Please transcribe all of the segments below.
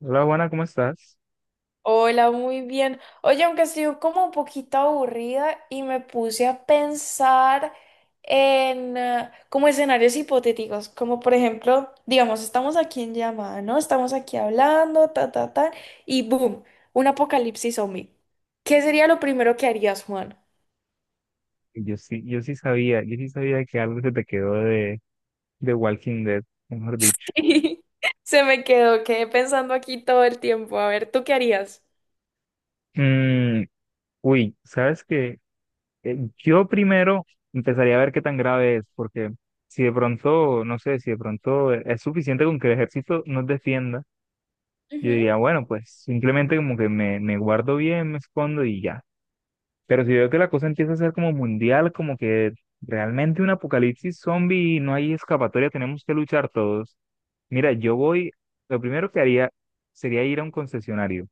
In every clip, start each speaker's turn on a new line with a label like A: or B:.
A: Hola, Juana, ¿cómo estás?
B: Hola, muy bien. Oye, aunque estoy como un poquito aburrida y me puse a pensar en como escenarios hipotéticos, como por ejemplo, digamos, estamos aquí en llamada, ¿no? Estamos aquí hablando, ta, ta, ta, y boom, un apocalipsis zombie. ¿Qué sería lo primero que harías, Juan?
A: Yo sí sabía, yo sí sabía que algo se te quedó de Walking Dead, mejor dicho.
B: Sí, se me quedó, quedé pensando aquí todo el tiempo. A ver, ¿tú qué harías?
A: Mm, uy, ¿sabes qué? Yo primero empezaría a ver qué tan grave es, porque si de pronto, no sé, si de pronto es suficiente con que el ejército nos defienda, yo
B: Ujú,
A: diría, bueno, pues simplemente como que me guardo bien, me escondo y ya. Pero si veo que la cosa empieza a ser como mundial, como que realmente un apocalipsis zombie y no hay escapatoria, tenemos que luchar todos. Mira, yo voy, lo primero que haría sería ir a un concesionario.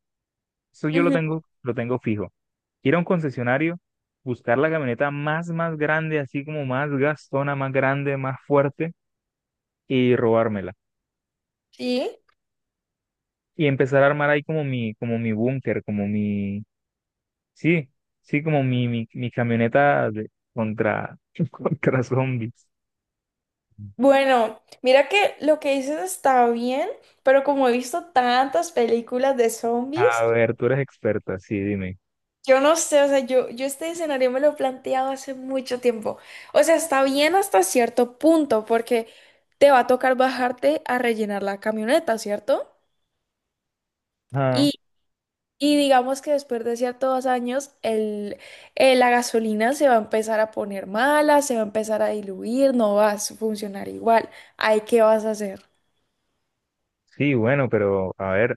A: Eso yo
B: ujú.
A: lo tengo fijo. Ir a un concesionario, buscar la camioneta más grande, así como más gastona, más grande, más fuerte, y robármela.
B: Sí.
A: Y empezar a armar ahí como mi búnker, como mi, sí, sí, como mi camioneta contra, contra zombies.
B: Bueno, mira que lo que dices está bien, pero como he visto tantas películas de
A: A
B: zombies,
A: ver, tú eres experta, sí, dime.
B: yo no sé, o sea, yo este escenario me lo he planteado hace mucho tiempo. O sea, está bien hasta cierto punto, porque te va a tocar bajarte a rellenar la camioneta, ¿cierto?
A: Ah,
B: Y, y digamos que después de ciertos años, la gasolina se va a empezar a poner mala, se va a empezar a diluir, no va a funcionar igual. ¿Ahí qué vas a hacer?
A: sí, bueno, pero a ver, o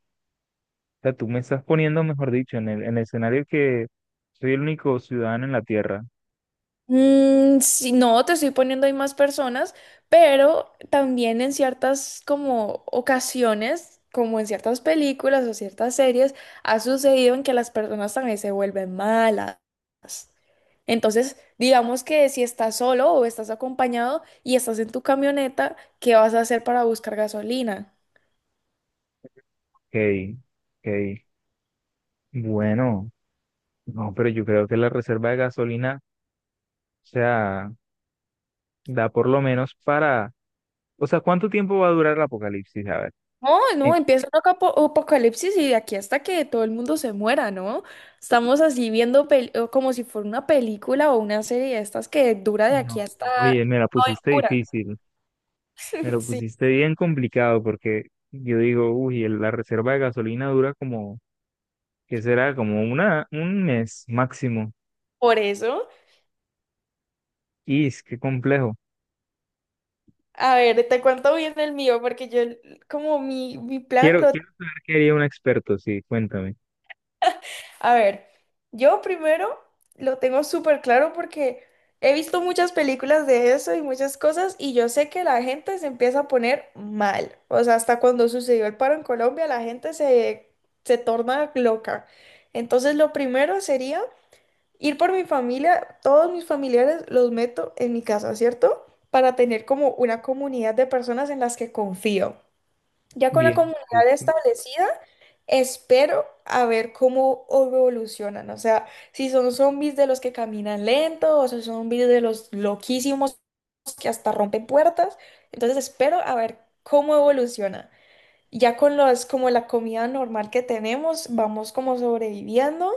A: sea, tú me estás poniendo, mejor dicho, en en el escenario que soy el único ciudadano en la Tierra.
B: Mm, sí, no, te estoy poniendo ahí más personas, pero también en ciertas como ocasiones, como en ciertas películas o ciertas series, ha sucedido en que las personas también se vuelven malas. Entonces, digamos que si estás solo o estás acompañado y estás en tu camioneta, ¿qué vas a hacer para buscar gasolina?
A: Ok, ok. Bueno, no, pero yo creo que la reserva de gasolina, o sea, da por lo menos para, o sea, ¿cuánto tiempo va a durar el apocalipsis? A ver.
B: No,
A: Eh,
B: no, empieza un apocalipsis y de aquí hasta que todo el mundo se muera, ¿no? Estamos así viendo o como si fuera una película o una serie de estas que dura de aquí
A: No,
B: hasta.
A: oye, me la
B: No, y
A: pusiste
B: dura.
A: difícil, me lo
B: Sí,
A: pusiste bien complicado porque yo digo, uy, la reserva de gasolina dura como que será como una, un mes máximo.
B: por eso.
A: Y es que complejo.
B: A ver, te cuento bien el mío, porque yo, como mi plan lo.
A: Quiero saber qué haría un experto, sí, cuéntame.
B: A ver, yo primero lo tengo súper claro porque he visto muchas películas de eso y muchas cosas y yo sé que la gente se empieza a poner mal. O sea, hasta cuando sucedió el paro en Colombia, la gente se, se torna loca. Entonces, lo primero sería ir por mi familia, todos mis familiares los meto en mi casa, ¿cierto? Para tener como una comunidad de personas en las que confío. Ya con la
A: Bien,
B: comunidad
A: listo.
B: establecida, espero a ver cómo evolucionan. O sea, si son zombies de los que caminan lento o si son zombies de los loquísimos que hasta rompen puertas. Entonces espero a ver cómo evoluciona. Ya con los, como la comida normal que tenemos, vamos como sobreviviendo.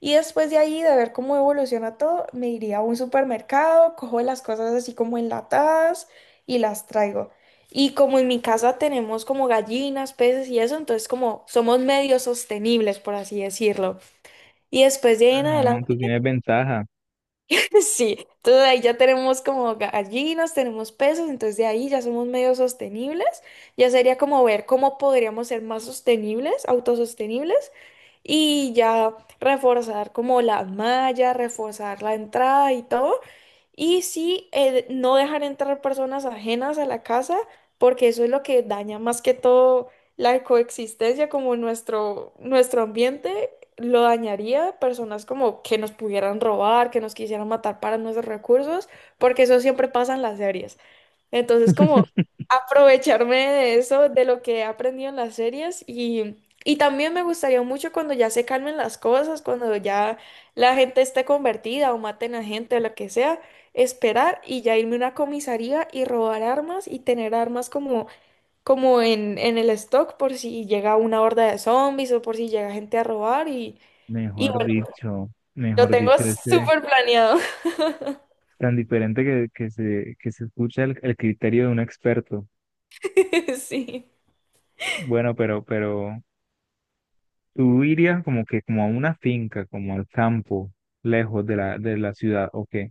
B: Y después de ahí, de ver cómo evoluciona todo, me iría a un supermercado, cojo las cosas así como enlatadas y las traigo. Y como en mi casa tenemos como gallinas, peces y eso, entonces como somos medio sostenibles, por así decirlo. Y después de ahí
A: Ah,
B: en
A: no, tú
B: adelante.
A: tienes ventaja.
B: Sí, entonces ahí ya tenemos como gallinas, tenemos peces, entonces de ahí ya somos medio sostenibles. Ya sería como ver cómo podríamos ser más sostenibles, autosostenibles, y ya reforzar como la malla, reforzar la entrada y todo. Y sí, no dejar entrar personas ajenas a la casa, porque eso es lo que daña más que todo la coexistencia, como nuestro ambiente lo dañaría, personas como que nos pudieran robar, que nos quisieran matar para nuestros recursos, porque eso siempre pasa en las series. Entonces, como aprovecharme de eso, de lo que he aprendido en las series y también me gustaría mucho cuando ya se calmen las cosas, cuando ya la gente esté convertida o maten a gente o lo que sea, esperar y ya irme a una comisaría y robar armas y tener armas como, como en el stock por si llega una horda de zombies o por si llega gente a robar y
A: Mejor
B: bueno,
A: dicho,
B: lo
A: mejor
B: tengo
A: dicho, ese
B: súper planeado.
A: tan diferente que se escucha el criterio de un experto.
B: Sí.
A: Bueno, pero tú irías como que como a una finca, como al campo, lejos de de la ciudad, ¿o qué?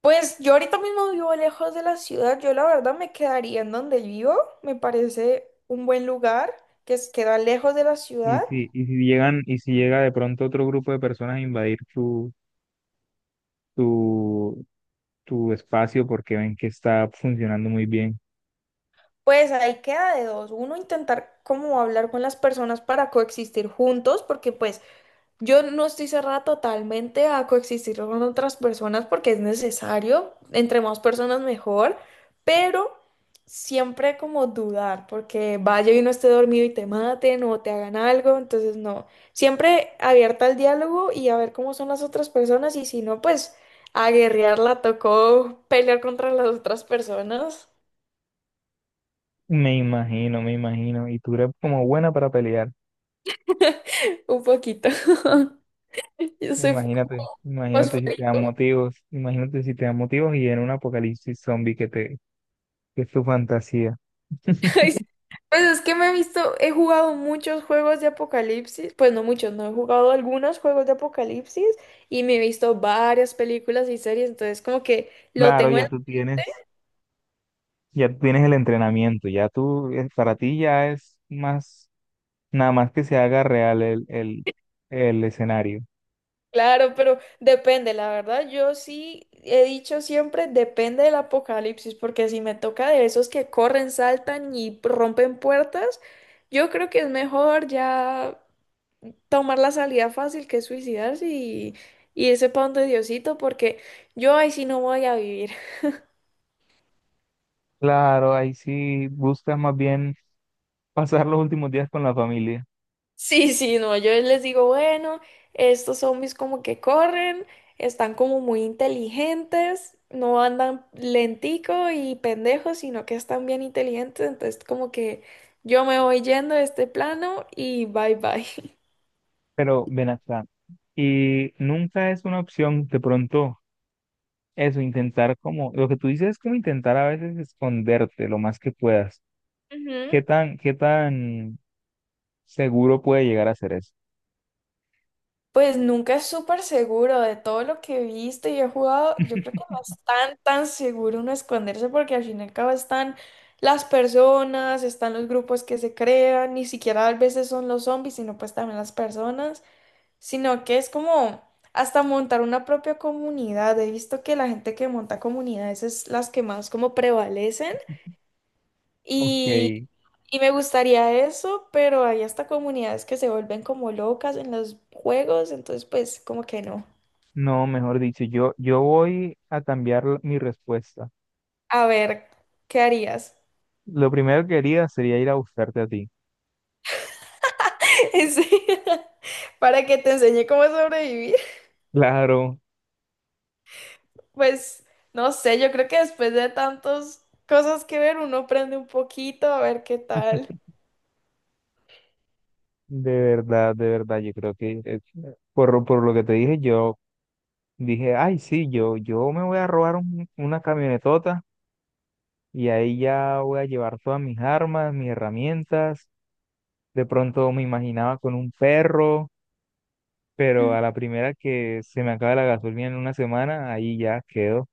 B: Pues yo ahorita mismo vivo lejos de la ciudad, yo la verdad me quedaría en donde vivo, me parece un buen lugar que queda lejos de la ciudad.
A: Y si llegan, y si llega de pronto otro grupo de personas a invadir tu, tu espacio porque ven que está funcionando muy bien.
B: Pues ahí queda de dos. Uno, intentar como hablar con las personas para coexistir juntos, porque pues yo no estoy cerrada totalmente a coexistir con otras personas porque es necesario, entre más personas mejor, pero siempre como dudar, porque vaya y no esté dormido y te maten o te hagan algo, entonces no, siempre abierta al diálogo y a ver cómo son las otras personas y si no, pues a guerrearla tocó pelear contra las otras personas.
A: Me imagino, me imagino. Y tú eres como buena para pelear.
B: Un poquito. Yo soy.
A: Imagínate, imagínate si te dan motivos, imagínate si te dan motivos y en un apocalipsis zombie que te, que es tu fantasía.
B: Pues es que me he visto, he jugado muchos juegos de apocalipsis, pues no muchos, no he jugado algunos juegos de apocalipsis y me he visto varias películas y series, entonces como que lo
A: Claro,
B: tengo en
A: ya tú tienes el entrenamiento, ya tú, para ti ya es más, nada más que se haga real el escenario.
B: claro, pero depende, la verdad, yo sí he dicho siempre depende del apocalipsis, porque si me toca de esos que corren, saltan y rompen puertas, yo creo que es mejor ya tomar la salida fácil que es suicidarse y irse para donde Diosito, porque yo ahí sí no voy a vivir.
A: Claro, ahí sí buscas más bien pasar los últimos días con la familia.
B: Sí, sí, no, yo les digo, bueno, estos zombies como que corren, están como muy inteligentes, no andan lentico y pendejos, sino que están bien inteligentes, entonces como que yo me voy yendo de este plano y bye bye.
A: Pero ven acá. Y nunca es una opción de pronto eso, intentar como, lo que tú dices es como intentar a veces esconderte lo más que puedas. Qué tan seguro puede llegar a ser eso?
B: Pues nunca es súper seguro de todo lo que he visto y he jugado. Yo creo que no es tan, tan seguro uno esconderse porque al fin y al cabo están las personas, están los grupos que se crean, ni siquiera a veces son los zombies, sino pues también las personas, sino que es como hasta montar una propia comunidad. He visto que la gente que monta comunidades es las que más como prevalecen.
A: Ok,
B: Y, y me gustaría eso, pero hay hasta comunidades que se vuelven como locas en los juegos, entonces pues como que no.
A: no, mejor dicho, yo voy a cambiar mi respuesta.
B: A ver, ¿qué harías?
A: Lo primero que haría sería ir a buscarte a ti.
B: En serio. Para que te enseñe cómo sobrevivir.
A: Claro,
B: Pues no sé, yo creo que después de tantas cosas que ver, uno aprende un poquito a ver qué tal.
A: de verdad, yo creo que por lo que te dije, yo dije, ay, sí, yo me voy a robar una camionetota y ahí ya voy a llevar todas mis armas, mis herramientas. De pronto me imaginaba con un perro, pero
B: Mm.
A: a la primera que se me acaba la gasolina en una semana, ahí ya quedo,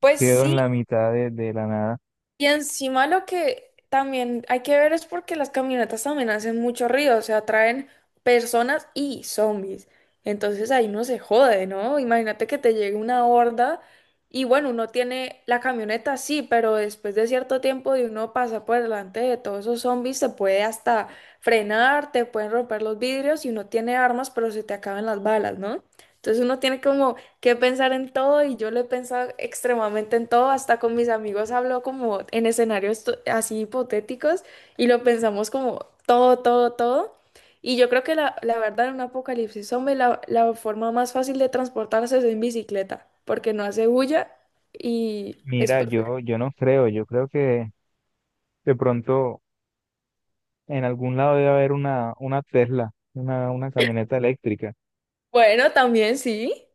B: Pues
A: quedo en
B: sí.
A: la mitad de la nada.
B: Y encima lo que también hay que ver es porque las camionetas también hacen mucho ruido, o sea, atraen personas y zombies. Entonces ahí uno se jode, ¿no? Imagínate que te llegue una horda y bueno, uno tiene la camioneta, sí, pero después de cierto tiempo de uno pasa por delante de todos esos zombies, se puede hasta frenar, te pueden romper los vidrios y uno tiene armas, pero se te acaban las balas, ¿no? Entonces uno tiene como que pensar en todo y yo lo he pensado extremadamente en todo, hasta con mis amigos hablo como en escenarios así hipotéticos y lo pensamos como todo, todo, todo. Y yo creo que la verdad en un apocalipsis zombie la forma más fácil de transportarse es en bicicleta, porque no hace bulla y es
A: Mira,
B: perfecto.
A: yo no creo, yo creo que de pronto en algún lado debe haber una Tesla, una camioneta eléctrica.
B: Bueno, también sí.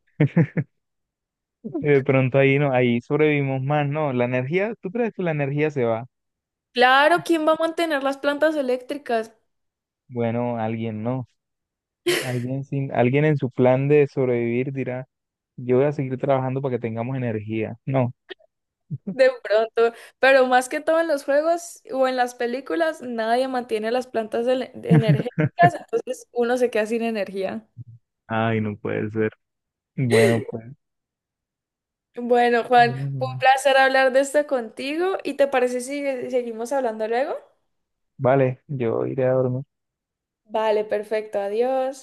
A: Y de pronto ahí no, ahí sobrevivimos más, ¿no? La energía, ¿tú crees que la energía se va?
B: Claro, ¿quién va a mantener las plantas eléctricas?
A: Bueno, alguien no. Alguien sin, alguien en su plan de sobrevivir dirá. Yo voy a seguir trabajando para que tengamos energía. No.
B: De pronto, pero más que todo en los juegos o en las películas, nadie mantiene las plantas energéticas, entonces uno se queda sin energía.
A: Ay, no puede ser. Bueno, pues,
B: Bueno, Juan,
A: bueno,
B: fue un
A: pues.
B: placer hablar de esto contigo y ¿te parece si seguimos hablando luego?
A: Vale, yo iré a dormir.
B: Vale, perfecto, adiós.